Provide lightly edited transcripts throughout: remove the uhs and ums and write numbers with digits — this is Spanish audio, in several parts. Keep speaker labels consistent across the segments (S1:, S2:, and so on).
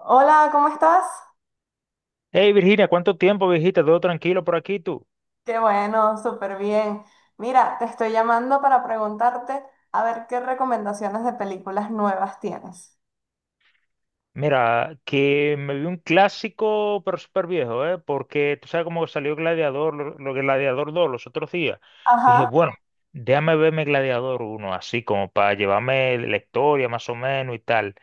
S1: Hola, ¿cómo estás?
S2: Hey Virginia, ¿cuánto tiempo, viejita? ¿Todo tranquilo por aquí tú?
S1: Qué bueno, súper bien. Mira, te estoy llamando para preguntarte a ver qué recomendaciones de películas nuevas tienes.
S2: Mira, que me vi un clásico, pero súper viejo, ¿eh? Porque tú sabes cómo salió Gladiador, lo que Gladiador dos los otros días. Y dije,
S1: Ajá,
S2: bueno, déjame verme Gladiador uno, así como para llevarme la historia más o menos y tal.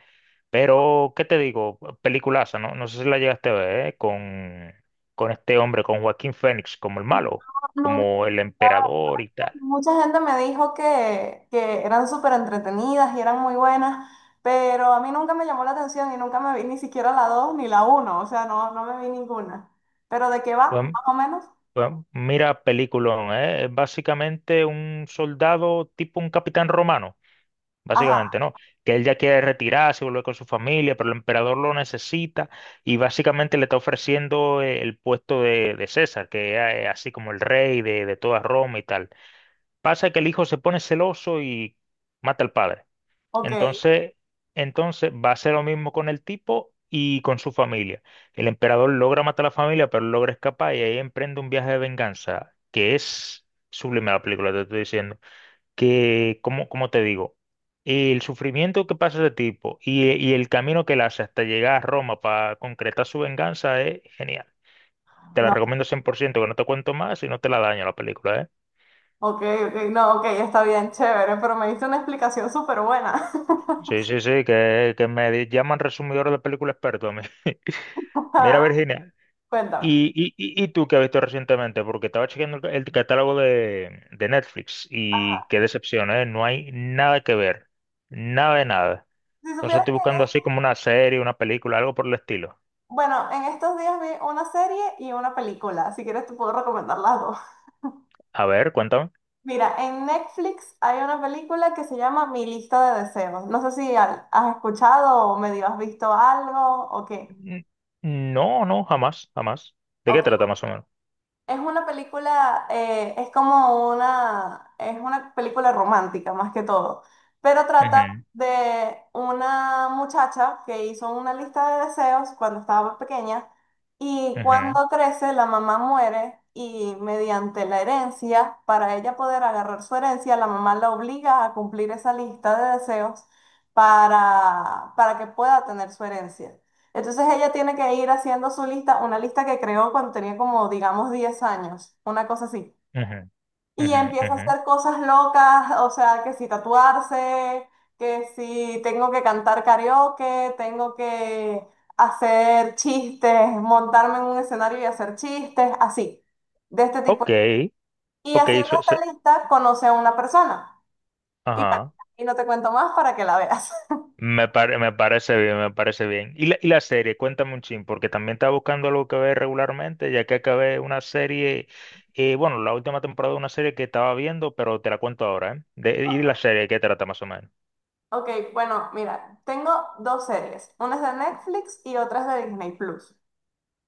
S2: Pero, ¿qué te digo? Peliculaza, ¿no? No sé si la llegaste a ver, ¿eh? Con este hombre, con Joaquín Phoenix, como el malo,
S1: nunca,
S2: como el emperador y tal.
S1: mucha gente me dijo que eran súper entretenidas y eran muy buenas, pero a mí nunca me llamó la atención y nunca me vi ni siquiera la 2 ni la uno, o sea, no, no me vi ninguna. ¿Pero de qué va,
S2: Pues,
S1: más o menos?
S2: bueno, mira, peliculón, ¿eh? Es básicamente un soldado tipo un capitán romano, básicamente,
S1: Ajá,
S2: ¿no? Que él ya quiere retirarse, volver con su familia, pero el emperador lo necesita y básicamente le está ofreciendo el puesto de César, que es así como el rey de toda Roma y tal. Pasa que el hijo se pone celoso y mata al padre.
S1: ok,
S2: Entonces, entonces va a ser lo mismo con el tipo y con su familia. El emperador logra matar a la familia, pero logra escapar y ahí emprende un viaje de venganza, que es sublime la película, te estoy diciendo. Que, como te digo, el sufrimiento que pasa ese tipo y el camino que él hace hasta llegar a Roma para concretar su venganza es genial. Te la
S1: no,
S2: recomiendo 100%, que no te cuento más y no te la daño la película, ¿eh?
S1: ok, ok, no, ok, está bien, chévere, pero me diste una explicación súper buena.
S2: Sí, sí, sí, que, me llaman resumidor de película experto a mí. Mira, Virginia,
S1: Cuéntame.
S2: ¿Y tú qué has visto recientemente? Porque estaba chequeando el catálogo de Netflix y qué decepción, ¿eh? No hay nada que ver, nada de nada.
S1: Si
S2: Entonces
S1: supieras
S2: estoy
S1: que,
S2: buscando así como una serie, una película, algo por el estilo.
S1: bueno, en estos días vi una serie y una película. Si quieres te puedo recomendar las dos.
S2: A ver, cuéntame.
S1: Mira, en Netflix hay una película que se llama Mi lista de deseos. No sé si has escuchado o medio has visto algo o qué.
S2: N- No, no, jamás, jamás. ¿De qué trata más o menos?
S1: Es una película, es una película romántica más que todo, pero trata
S2: Ujú,
S1: de una muchacha que hizo una lista de deseos cuando estaba pequeña y
S2: ujú,
S1: cuando crece la mamá muere y mediante la herencia, para ella poder agarrar su herencia, la mamá la obliga a cumplir esa lista de deseos para que pueda tener su herencia. Entonces ella tiene que ir haciendo su lista, una lista que creó cuando tenía como, digamos, 10 años, una cosa así.
S2: ujú,
S1: Y
S2: ujú,
S1: empieza a
S2: ujú.
S1: hacer cosas locas, o sea, que si tatuarse, que si tengo que cantar karaoke, tengo que hacer chistes, montarme en un escenario y hacer chistes, así, de este tipo.
S2: Ok,
S1: Y
S2: ok,
S1: haciendo esta lista conoce a una persona. Y bueno,
S2: ajá.
S1: y no te cuento más para que la veas.
S2: Me parece bien, me parece bien. Y la serie, cuéntame un chin, porque también estaba buscando algo que ver regularmente, ya que acabé una serie, bueno, la última temporada de una serie que estaba viendo, pero te la cuento ahora, ¿eh? Y la serie, ¿qué trata más o menos?
S1: Ok, bueno, mira, tengo dos series. Una es de Netflix y otra es de Disney Plus.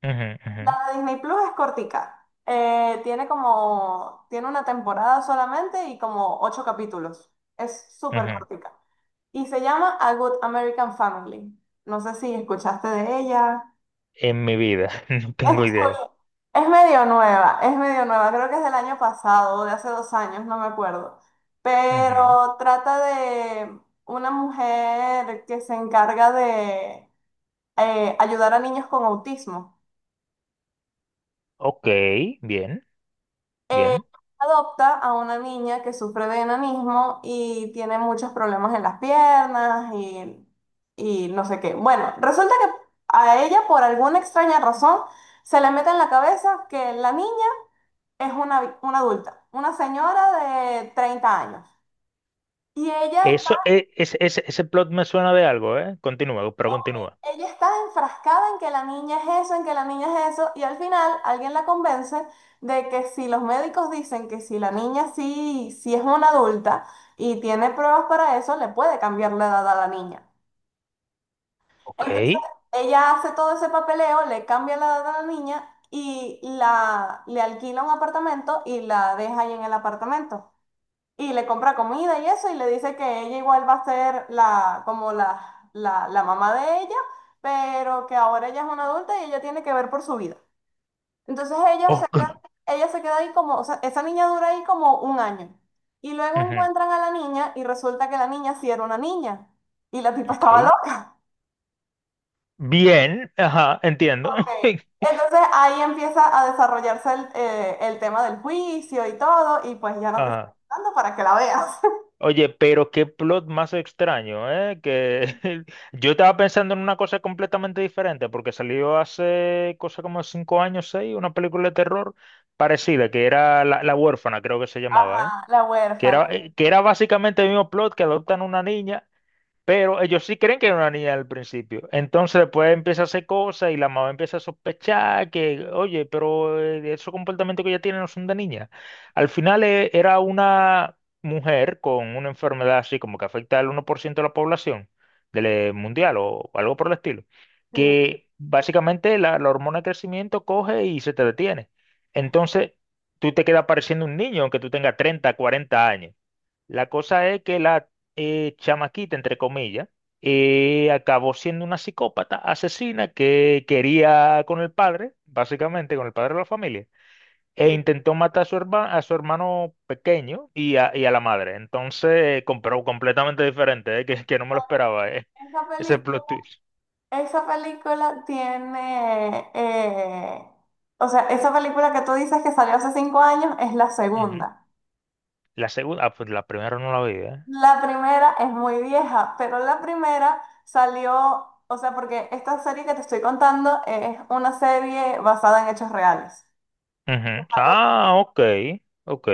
S2: Ujú, ujú,
S1: La de Disney Plus es cortica. Tiene una temporada solamente y como ocho capítulos. Es súper
S2: ujú.
S1: cortica. Y se llama A Good American Family. No sé si escuchaste de ella.
S2: En mi vida, no tengo idea.
S1: Estoy- es medio nueva, creo que es del año pasado, o de hace 2 años, no me acuerdo.
S2: Ujú.
S1: Pero trata de una mujer que se encarga de ayudar a niños con autismo.
S2: Ok, bien,
S1: Eh,
S2: bien.
S1: adopta a una niña que sufre de enanismo y tiene muchos problemas en las piernas y no sé qué. Bueno, resulta que a ella, por alguna extraña razón, se le mete en la cabeza que la niña es una adulta, una señora de 30 años. Y ella está.
S2: Eso, e- ese plot me suena de algo, ¿eh? Continúa, pero
S1: Ok,
S2: continúa.
S1: ella está enfrascada en que la niña es eso, en que la niña es eso, y al final alguien la convence de que si los médicos dicen que si la niña sí, sí es una adulta y tiene pruebas para eso, le puede cambiar la edad a la niña.
S2: Ok,
S1: Entonces, ella hace todo ese papeleo, le cambia la edad a la niña y le alquila un apartamento y la deja ahí en el apartamento. Y le compra comida y eso, y le dice que ella igual va a ser la, como la mamá de ella, pero que ahora ella es una adulta y ella tiene que ver por su vida. Entonces
S2: ok.
S1: ella se queda ahí como, o sea, esa niña dura ahí como un año. Y luego
S2: Ujú,
S1: encuentran a la niña y resulta que la niña sí era una niña. Y la tipa estaba
S2: ok.
S1: loca.
S2: Bien, ajá, entiendo.
S1: Ok. Entonces ahí empieza a desarrollarse el tema del juicio y todo, y pues ya no te estoy
S2: Ajá.
S1: contando para que la veas.
S2: Oye, pero qué plot más extraño, ¿eh? Que yo estaba pensando en una cosa completamente diferente, porque salió hace cosa como 5 años, seis, una película de terror parecida, que era La huérfana, creo que se llamaba, ¿eh?
S1: Ajá, la
S2: Que
S1: huérfana.
S2: era, eh, que era básicamente el mismo plot que adoptan una niña pero ellos sí creen que era una niña al principio. Entonces después empieza a hacer cosas y la mamá empieza a sospechar que, oye, pero esos comportamientos que ella tiene no son de niña. Al final era una mujer con una enfermedad así como que afecta al 1% de la población del mundial o algo por el estilo,
S1: Sí,
S2: que básicamente la hormona de crecimiento coge y se te detiene. Entonces tú te quedas pareciendo un niño aunque tú tengas 30, 40 años. La cosa es que la chamaquita, entre comillas, acabó siendo una psicópata asesina que quería con el padre, básicamente con el padre de la familia, e
S1: sí.
S2: intentó matar a su hermano pequeño y a la madre. Entonces, pero completamente diferente, que no me lo esperaba,
S1: Esa
S2: ese plot
S1: película,
S2: twist.
S1: esa película tiene, o sea, esa película que tú dices que salió hace 5 años es la
S2: Ujú.
S1: segunda.
S2: La segunda, ah, pues la primera no la vi.
S1: La primera es muy vieja, pero la primera salió, o sea, porque esta serie que te estoy contando es una serie basada en hechos reales.
S2: Ujú. Ah, ok, ok,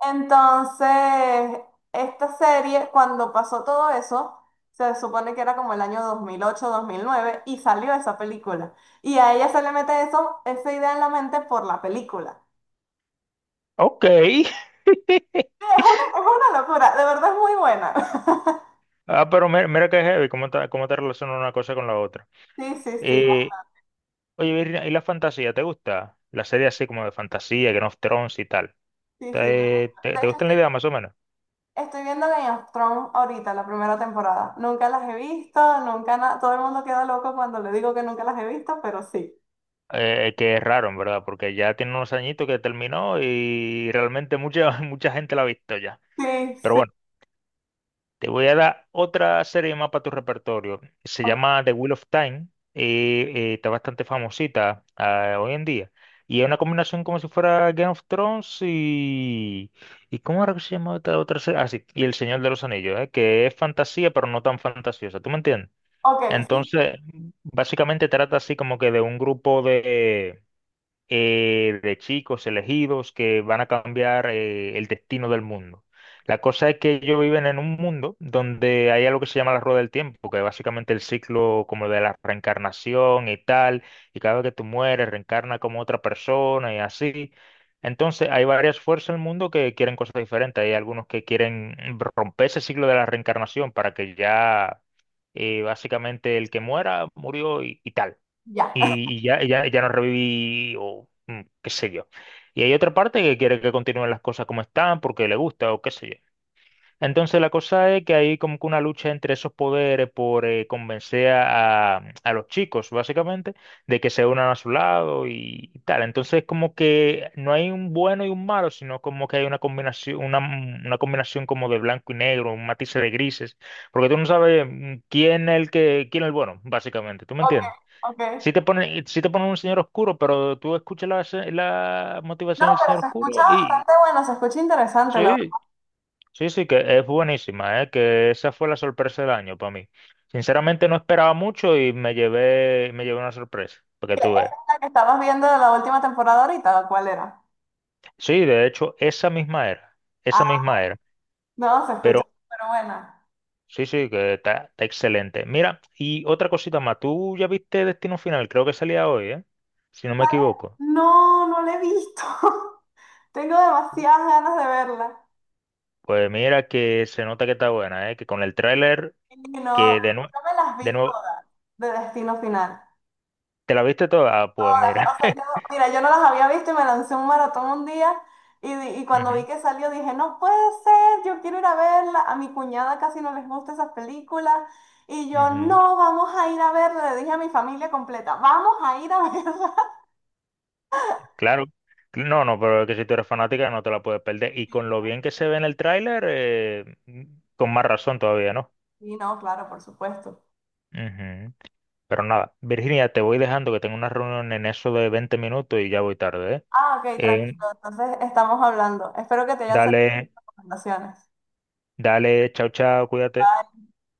S1: Entonces, esta serie, cuando pasó todo eso, se supone que era como el año 2008 2009 y salió esa película. Y a ella se le mete eso, esa idea en la mente por la película.
S2: ok.
S1: Sí, es una locura, de verdad es muy buena.
S2: Ah, pero mira, que heavy, cómo te relaciona una cosa con la otra.
S1: Sí, sí, sí, va.
S2: Eh, Oye, Virginia, ¿y la fantasía? ¿Te gusta? La serie
S1: Sí,
S2: así como de fantasía, Game of Thrones y tal.
S1: sí, sí, me
S2: ¿Te,
S1: gusta.
S2: te,
S1: De
S2: te
S1: hecho,
S2: gusta la
S1: estoy,
S2: idea más o menos?
S1: estoy viendo Game of Thrones ahorita, la primera temporada. Nunca las he visto, nunca nada. Todo el mundo queda loco cuando le digo que nunca las he visto, pero sí.
S2: Que es raro, en verdad, porque ya tiene unos añitos que terminó y realmente mucha, mucha gente la ha visto ya.
S1: Sí,
S2: Pero
S1: sí.
S2: bueno. Te voy a dar otra serie más para tu repertorio. Se
S1: Ok,
S2: llama The Wheel of Time. Está bastante famosita hoy en día. Y es una combinación como si fuera Game of Thrones y... ¿Y cómo era que se llama esta otra serie? Ah, sí, y El Señor de los Anillos, que es fantasía, pero no tan fantasiosa. ¿Tú me entiendes?
S1: ok, sí,
S2: Entonces, básicamente trata así como que de un grupo de chicos elegidos que van a cambiar el destino del mundo. La cosa es que ellos viven en un mundo donde hay algo que se llama la rueda del tiempo, que es básicamente el ciclo como de la reencarnación y tal, y cada vez que tú mueres, reencarna como otra persona y así. Entonces, hay varias fuerzas en el mundo que quieren cosas diferentes. Hay algunos que quieren romper ese ciclo de la reencarnación para que ya básicamente el que muera murió y tal
S1: ya.
S2: y ya, ya, ya no reviví o qué sé yo. Y hay otra parte que quiere que continúen las cosas como están porque le gusta o qué sé yo. Entonces la cosa es que hay como que una lucha entre esos poderes por convencer a los chicos, básicamente, de que se unan a su lado y tal. Entonces como que no hay un bueno y un malo, sino como que hay una combinación, una combinación como de blanco y negro, un matiz de grises, porque tú no sabes quién es el bueno, básicamente. ¿Tú me
S1: Ok,
S2: entiendes?
S1: ok.
S2: Si te ponen un señor oscuro, pero tú escuchas la
S1: No,
S2: motivación del
S1: pero
S2: señor
S1: se
S2: oscuro
S1: escucha
S2: y
S1: bastante bueno, se escucha interesante la verdad.
S2: sí, sí, sí, que es buenísima, ¿eh? Que esa fue la sorpresa del año para mí. Sinceramente no esperaba mucho y me llevé una sorpresa, porque
S1: ¿Esa
S2: tú
S1: es
S2: ves.
S1: la que estabas viendo de la última temporada ahorita? ¿O cuál era?
S2: Sí, de hecho, esa misma era, esa
S1: Ah,
S2: misma era,
S1: no, se
S2: pero
S1: escucha súper buena.
S2: sí, sí, que está excelente. Mira, y otra cosita más, tú ya viste Destino Final, creo que salía hoy, ¿eh? Si no me
S1: ¿Vale?
S2: equivoco.
S1: No, no la he visto. Tengo demasiadas ganas de verla.
S2: Pues mira que se nota que está buena, ¿eh? Que con el tráiler.
S1: Y no,
S2: Que de nuevo,
S1: yo me las
S2: de
S1: vi
S2: nuevo,
S1: todas de Destino Final.
S2: ¿te la viste toda? Ah, pues
S1: Jodas,
S2: mira.
S1: o sea, yo, mira, yo no las había visto y me lancé un maratón un día y cuando vi
S2: Ujú,
S1: que salió dije, no puede ser, yo quiero ir a verla. A mi cuñada casi no les gusta esas películas y yo,
S2: ujú.
S1: no, vamos a ir a verla. Le dije a mi familia completa, vamos a ir a verla.
S2: Claro. No, no, pero es que si tú eres fanática no te la puedes perder. Y con lo bien que se ve en el tráiler, con más razón todavía, ¿no?
S1: Y no, claro, por supuesto.
S2: Ujú. Pero nada, Virginia, te voy dejando que tengo una reunión en eso de 20 minutos y ya voy tarde,
S1: Ah, ok,
S2: ¿eh? Eh,
S1: tranquilo. Entonces estamos hablando. Espero que te hayan servido
S2: Dale,
S1: las recomendaciones.
S2: dale, chao, chao, cuídate.